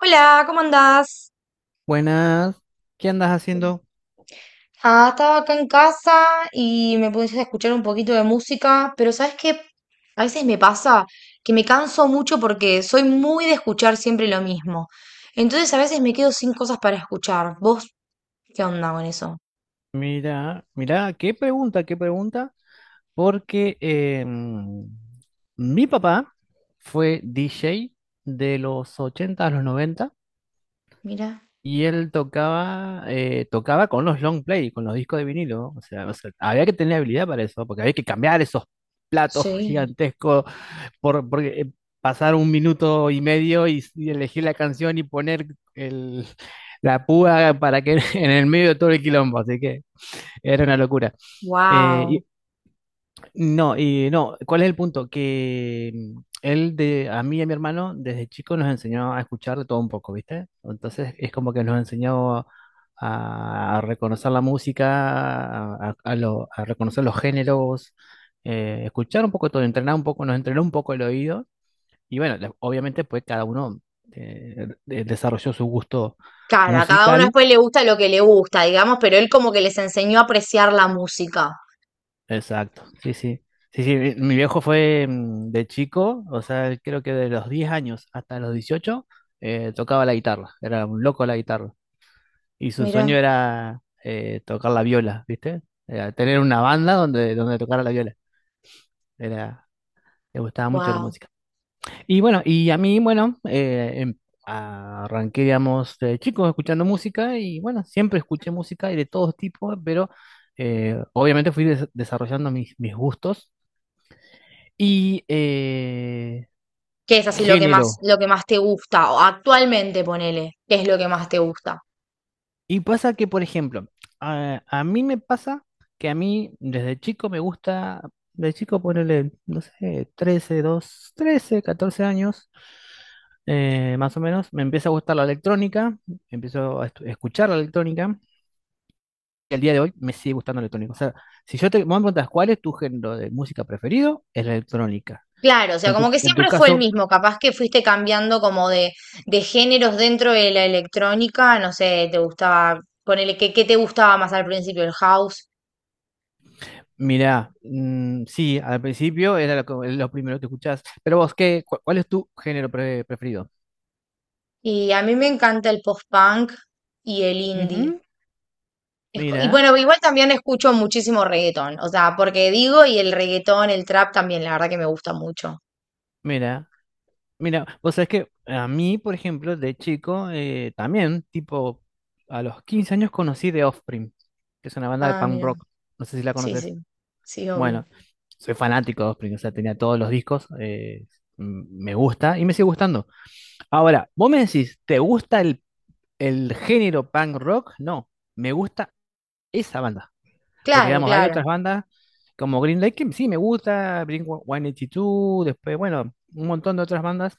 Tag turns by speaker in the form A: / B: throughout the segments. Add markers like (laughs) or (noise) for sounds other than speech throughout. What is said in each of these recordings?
A: Hola, ¿cómo andás?
B: Buenas, ¿qué andas haciendo?
A: Ah, estaba acá en casa y me puse a escuchar un poquito de música, pero ¿sabes qué? A veces me pasa que me canso mucho porque soy muy de escuchar siempre lo mismo. Entonces a veces me quedo sin cosas para escuchar. ¿Vos qué onda con eso?
B: Mira, mira, qué pregunta, porque mi papá fue DJ de los 80 a los noventa,
A: Mira.
B: y él tocaba con los long play, con los discos de vinilo. O sea, había que tener habilidad para eso, porque había que cambiar esos platos (laughs)
A: Sí,
B: gigantescos porque pasar un minuto y medio y elegir la canción y poner el, (laughs) la púa para que (laughs) en el medio de todo el quilombo, así que era una locura. Eh,
A: wow.
B: y- no, y no, ¿cuál es el punto? Que a mí y a mi hermano desde chico nos enseñó a escuchar de todo un poco, ¿viste? Entonces es como que nos enseñó a reconocer la música, a reconocer los géneros, escuchar un poco todo, entrenar un poco, nos entrenó un poco el oído. Y bueno, obviamente pues cada uno desarrolló su gusto
A: Claro, a cada uno
B: musical.
A: después le gusta lo que le gusta, digamos, pero él como que les enseñó a apreciar la música.
B: Exacto, sí, sí. Sí, sí, mi viejo fue de chico. O sea, él creo que de los 10 años hasta los 18 tocaba la guitarra, era un loco la guitarra. Y su sueño
A: Mira,
B: era tocar la viola, ¿viste? Era tener una banda donde, tocara la viola. Era, le gustaba mucho la
A: wow.
B: música. Y bueno, y a mí, bueno, arranqué, digamos, de chico escuchando música. Y bueno, siempre escuché música y de todo tipo, pero obviamente fui desarrollando mis gustos y
A: ¿Qué es así
B: género.
A: lo que más te gusta? O actualmente, ponele, ¿qué es lo que más te gusta?
B: Y pasa que, por ejemplo, a mí me pasa que a mí desde chico me gusta, de chico ponerle, no sé, 13 2 13 14 años, más o menos, me empieza a gustar la electrónica, empiezo a escuchar la electrónica, que al día de hoy me sigue gustando la electrónica. O sea, si yo te vos me preguntas cuál es tu género de música preferido, es la electrónica.
A: Claro, o sea,
B: En
A: como
B: tu,
A: que
B: en tu
A: siempre fue el
B: caso,
A: mismo, capaz que fuiste cambiando como de géneros dentro de la electrónica, no sé, te gustaba, ponele, ¿qué, qué te gustaba más al principio, el house?
B: mirá, sí, al principio era lo primero que escuchás. Pero vos, cuál es tu género preferido?
A: Y a mí me encanta el post-punk y el indie.
B: Ujú.
A: Y
B: Mira,
A: bueno, igual también escucho muchísimo reggaetón, o sea, porque digo, y el reggaetón, el trap también, la verdad que me gusta mucho.
B: mira, mira, vos sabés que a mí, por ejemplo, de chico, también, tipo, a los 15 años conocí The Offspring, que es una banda de
A: Ah,
B: punk
A: mira,
B: rock, no sé si la
A: sí,
B: conoces.
A: sí, sí, obvio.
B: Bueno, soy fanático de Offspring. O sea, tenía todos los discos, me gusta y me sigue gustando. Ahora, vos me decís, ¿te gusta el género punk rock? No, me gusta esa banda. Porque,
A: Claro,
B: digamos, hay
A: claro.
B: otras bandas como Green Day que sí me gusta, Blink-182, después, bueno, un montón de otras bandas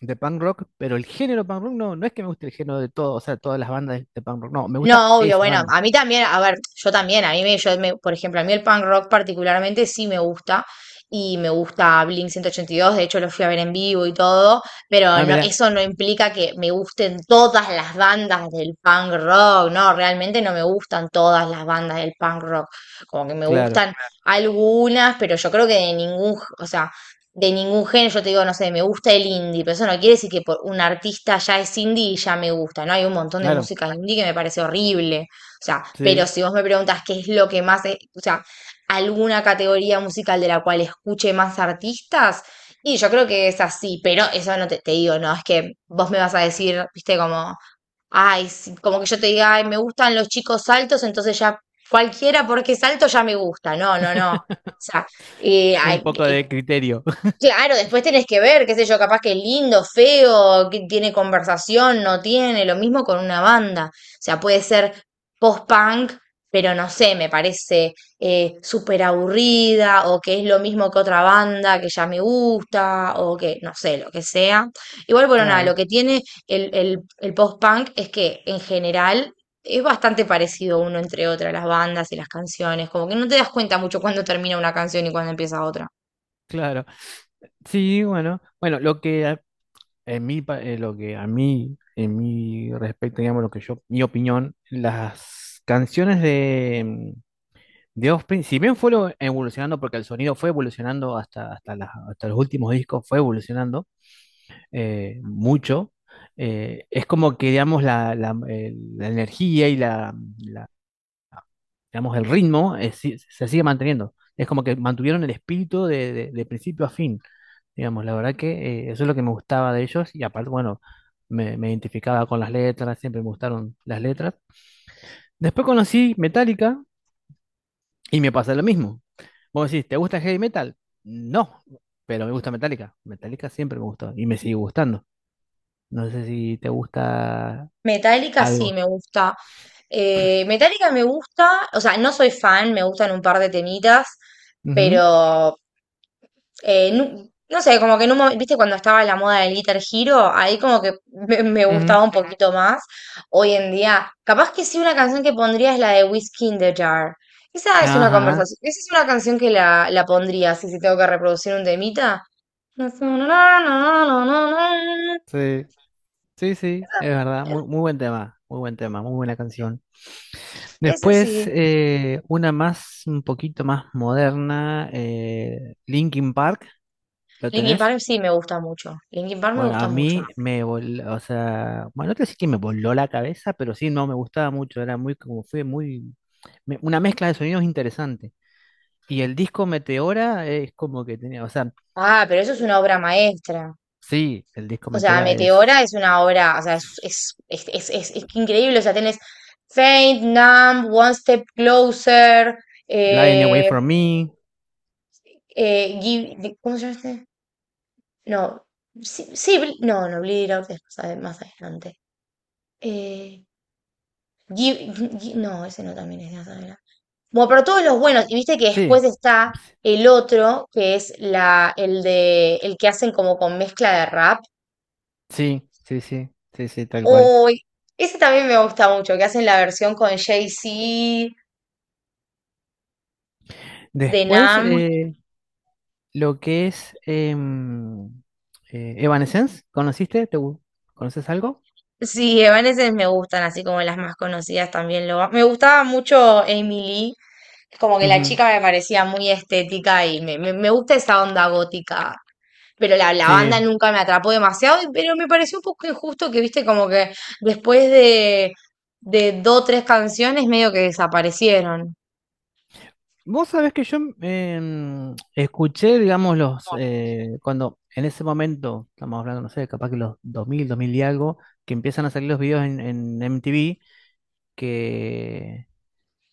B: de punk rock, pero el género punk rock no, no es que me guste el género de todo. O sea, todas las bandas de punk rock, no, me gusta
A: No, obvio,
B: esa
A: bueno,
B: banda.
A: a mí también, a ver, yo también, a mí me, yo me- por ejemplo, a mí el punk rock particularmente sí me gusta y me gusta Blink-182, de hecho lo fui a ver en vivo y todo, pero
B: Ah,
A: no,
B: mira,
A: eso no implica que me gusten todas las bandas del punk rock, no, realmente no me gustan todas las bandas del punk rock, como que me
B: claro,
A: gustan algunas, pero yo creo que de ningún, o sea, de ningún género. Yo te digo, no sé, me gusta el indie, pero eso no quiere decir que por un artista ya es indie y ya me gusta, ¿no? Hay un montón de
B: claro,
A: música indie que me parece horrible. O sea, pero
B: sí,
A: si vos me preguntas qué es lo que más, o sea, alguna categoría musical de la cual escuche más artistas, y yo creo que es así, pero eso no te, te digo, no, es que vos me vas a decir, viste, como, ay, sí, como que yo te diga, ay, me gustan los chicos altos, entonces ya cualquiera porque es alto ya me gusta. No, no, no. O sea, eh,
B: un
A: hay-
B: poco
A: eh,
B: de criterio. (laughs)
A: Claro, después tenés que ver, qué sé yo, capaz que es lindo, feo, que tiene conversación, no tiene, lo mismo con una banda. O sea, puede ser post-punk, pero no sé, me parece súper aburrida, o que es lo mismo que otra banda que ya me gusta, o que, no sé, lo que sea. Igual, bueno, nada, lo
B: Claro,
A: que tiene el post-punk es que en general es bastante parecido uno entre otra, las bandas y las canciones, como que no te das cuenta mucho cuándo termina una canción y cuándo empieza otra.
B: claro. Sí, bueno, bueno, en mí, lo que a mí, en mi respecto, digamos, lo que yo, mi opinión, las canciones de Offspring, si bien fueron evolucionando, porque el sonido fue evolucionando hasta los últimos discos, fue evolucionando mucho. Es como que, digamos, la energía y digamos, el ritmo se sigue manteniendo. Es como que mantuvieron el espíritu de, de principio a fin. Digamos, la verdad que eso es lo que me gustaba de ellos. Y aparte, bueno, me identificaba con las letras, siempre me gustaron las letras. Después conocí Metallica y me pasa lo mismo. Vos decís, ¿te gusta el heavy metal? No, pero me gusta Metallica. Metallica siempre me gustó y me sigue gustando. No sé si te gusta
A: Metallica sí
B: algo.
A: me gusta. Metallica me gusta, o sea, no soy fan, me gustan un par de temitas,
B: Ujú,
A: pero no sé, como que en un momento, viste, cuando estaba la moda del Guitar Hero, ahí como que me
B: ujú.
A: gustaba un poquito más. Hoy en día, capaz que sí, una canción que pondría es la de Whiskey in the Jar. Esa es una
B: Ajá,
A: conversación, esa es una canción que la pondría, así si tengo que reproducir un temita. Esa
B: sí, sí, sí, es verdad. Muy,
A: esa-
B: muy buen tema, muy buen tema, muy buena canción.
A: esa
B: Después,
A: sí.
B: una más, un poquito más moderna, Linkin Park, ¿lo
A: Linkin
B: tenés?
A: Park sí me gusta mucho. Linkin Park me
B: Bueno,
A: gusta
B: a
A: mucho.
B: mí me voló. O sea, bueno, no te decir que me voló la cabeza, pero sí, no, me gustaba mucho. Era muy, como fue muy, una mezcla de sonidos interesante. Y el disco Meteora es como que tenía, o sea,
A: Ah, pero eso es una obra maestra.
B: sí, el disco
A: O sea,
B: Meteora
A: Meteora
B: es
A: es una obra, o sea, es increíble. O sea, tenés Faint, Numb, One Step Closer,
B: Lying Away
A: eh,
B: From Me,
A: ¿cómo se llama este? No, sí, sí, no, no, Bleed It Out es más más adelante. Eh, Give- no, ese no también es de más adelante. Bueno, pero todos los buenos, y viste que
B: sí,
A: después está el otro, que es el de, el que hacen como con mezcla de rap.
B: sí, sí, sí, sí, sí, tal cual.
A: Uy, ese también me gusta mucho, que hacen la versión con Jay-Z, de
B: Después,
A: Nam.
B: lo que es Evanescence, ¿conociste? ¿Te, conoces algo?
A: Sí, Evanescence me gustan, así como las más conocidas también lo. Me gustaba mucho Emily, como que la
B: Ujú.
A: chica me parecía muy estética y me gusta esa onda gótica. Pero la
B: Sí.
A: banda nunca me atrapó demasiado, pero me pareció un poco injusto que, viste, como que después de dos o tres canciones medio que desaparecieron.
B: Vos sabés que yo escuché, digamos, cuando en ese momento, estamos hablando, no sé, capaz que los dos mil dos mil y algo, que empiezan a salir los videos en MTV, que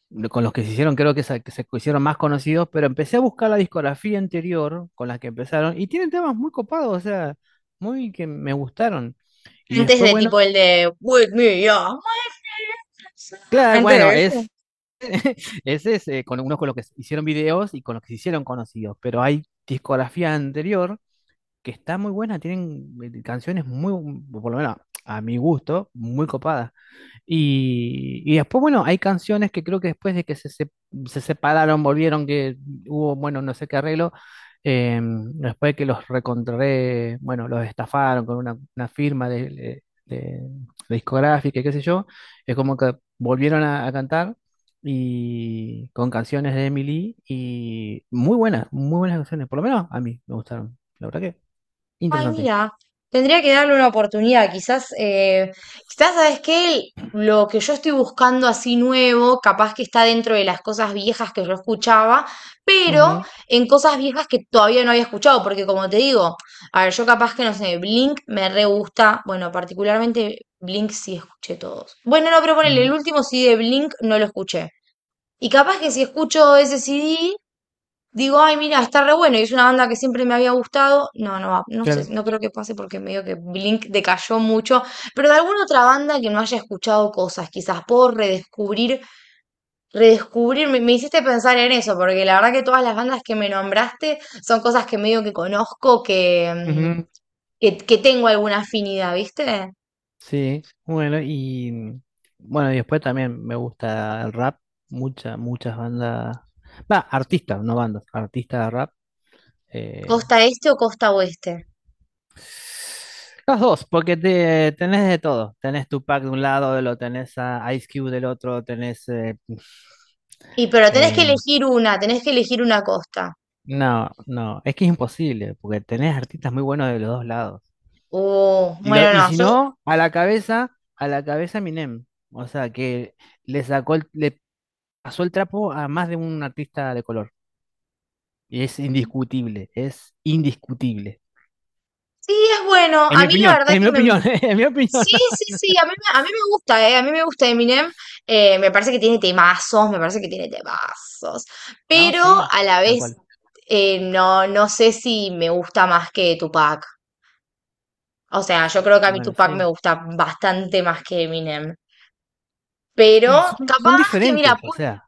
B: con los que se hicieron, creo que se hicieron más conocidos. Pero empecé a buscar la discografía anterior con las que empezaron, y tienen temas muy copados. O sea, muy que me gustaron. Y
A: Antes
B: después,
A: de
B: bueno,
A: tipo el de With Me, yeah.
B: claro,
A: Antes
B: bueno,
A: de
B: es,
A: eso.
B: ese es con uno con lo que hicieron videos y con los que se hicieron conocidos, pero hay discografía anterior que está muy buena. Tienen canciones muy, por lo menos a mi gusto, muy copadas. Y después, bueno, hay canciones que creo que después de que se separaron, volvieron, que hubo, bueno, no sé qué arreglo, después de que los recontré, bueno, los estafaron con una firma de, de discográfica y qué sé yo. Es como que volvieron a cantar y con canciones de Emily. Y muy buenas canciones, por lo menos a mí me gustaron, la verdad que
A: Ay,
B: interesante.
A: mira, tendría que darle una oportunidad. Quizás, quizás, ¿sabes qué? Lo que yo estoy buscando así nuevo, capaz que está dentro de las cosas viejas que yo escuchaba, pero
B: Ujú,
A: en cosas viejas que todavía no había escuchado, porque como te digo, a ver, yo capaz que no sé, Blink me re gusta, bueno, particularmente Blink sí escuché todos. Bueno, no, pero ponele, el
B: ujú,
A: último CD de Blink no lo escuché. Y capaz que si escucho ese CD, digo, ay, mira, está re bueno y es una banda que siempre me había gustado. No, no, va, no sé,
B: claro.
A: no creo que pase porque medio que Blink decayó mucho. Pero de alguna otra banda que no haya escuchado cosas, quizás puedo redescubrir. Me hiciste pensar en eso, porque la verdad que todas las bandas que me nombraste son cosas que medio que conozco, que, mm, que tengo alguna afinidad, ¿viste?
B: Sí, bueno, y bueno, y después también me gusta el rap, muchas, muchas bandas, va, artistas, no bandas, artistas de rap. eh,
A: Costa este o costa oeste.
B: los dos, porque te, tenés de todo, tenés Tupac de un lado, lo tenés a Ice Cube del otro, tenés...
A: Y pero tenés que
B: eh,
A: elegir una, tenés que elegir una costa.
B: no, no, es que es imposible, porque tenés artistas muy buenos de los dos lados. Y, lo,
A: Bueno,
B: y
A: no,
B: si
A: yo.
B: no, a la cabeza Minem, o sea, que le sacó, le pasó el trapo a más de un artista de color. Y es indiscutible, es indiscutible.
A: Sí, es bueno.
B: En
A: A
B: mi
A: mí la
B: opinión, (laughs)
A: verdad
B: en mi
A: que me,
B: opinión, (laughs) en mi opinión.
A: sí, sí, sí, a mí me gusta, a mí me gusta Eminem, me parece que tiene temazos, me parece que tiene temazos,
B: No,
A: pero
B: sí,
A: a la
B: tal
A: vez
B: cual.
A: no, no sé si me gusta más que Tupac, o sea, yo creo que a mí
B: Bueno,
A: Tupac me
B: sí.
A: gusta bastante más que Eminem, pero
B: Y son
A: capaz que, mira,
B: diferentes, o sea.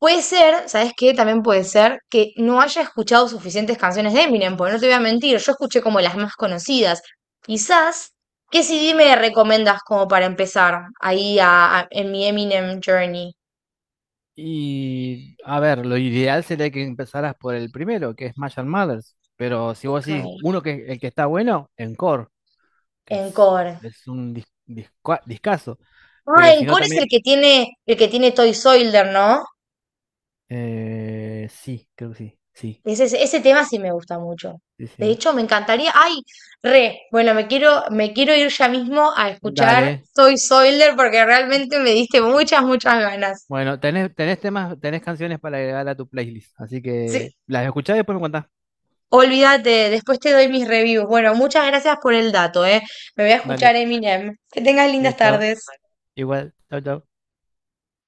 A: puede ser, ¿sabes qué? También puede ser que no haya escuchado suficientes canciones de Eminem, porque no te voy a mentir, yo escuché como las más conocidas. Quizás, ¿qué CD me recomendas como para empezar ahí en mi Eminem Journey?
B: Y a ver, lo ideal sería que empezaras por el primero, que es Smash and... Pero si vos
A: Ok.
B: decís uno que el que está bueno, Encore, que
A: Encore.
B: es un discazo.
A: Ah,
B: Pero si no,
A: Encore es
B: también.
A: el que tiene Toy Soldier, ¿no?
B: Sí, creo que sí. Sí,
A: Ese tema sí me gusta mucho.
B: sí,
A: De
B: sí.
A: hecho, me encantaría. ¡Ay! Re, bueno, me quiero ir ya mismo a escuchar
B: Dale.
A: Toy Soldier porque realmente me diste muchas, muchas ganas.
B: Bueno, tenés, tenés temas, tenés canciones para agregar a tu playlist, así
A: Sí,
B: que las escuchás y después me contás.
A: olvídate, después te doy mis reviews. Bueno, muchas gracias por el dato, ¿eh? Me voy a escuchar
B: Vale,
A: Eminem. Que tengas lindas
B: listo.
A: tardes.
B: Igual, chau, chau.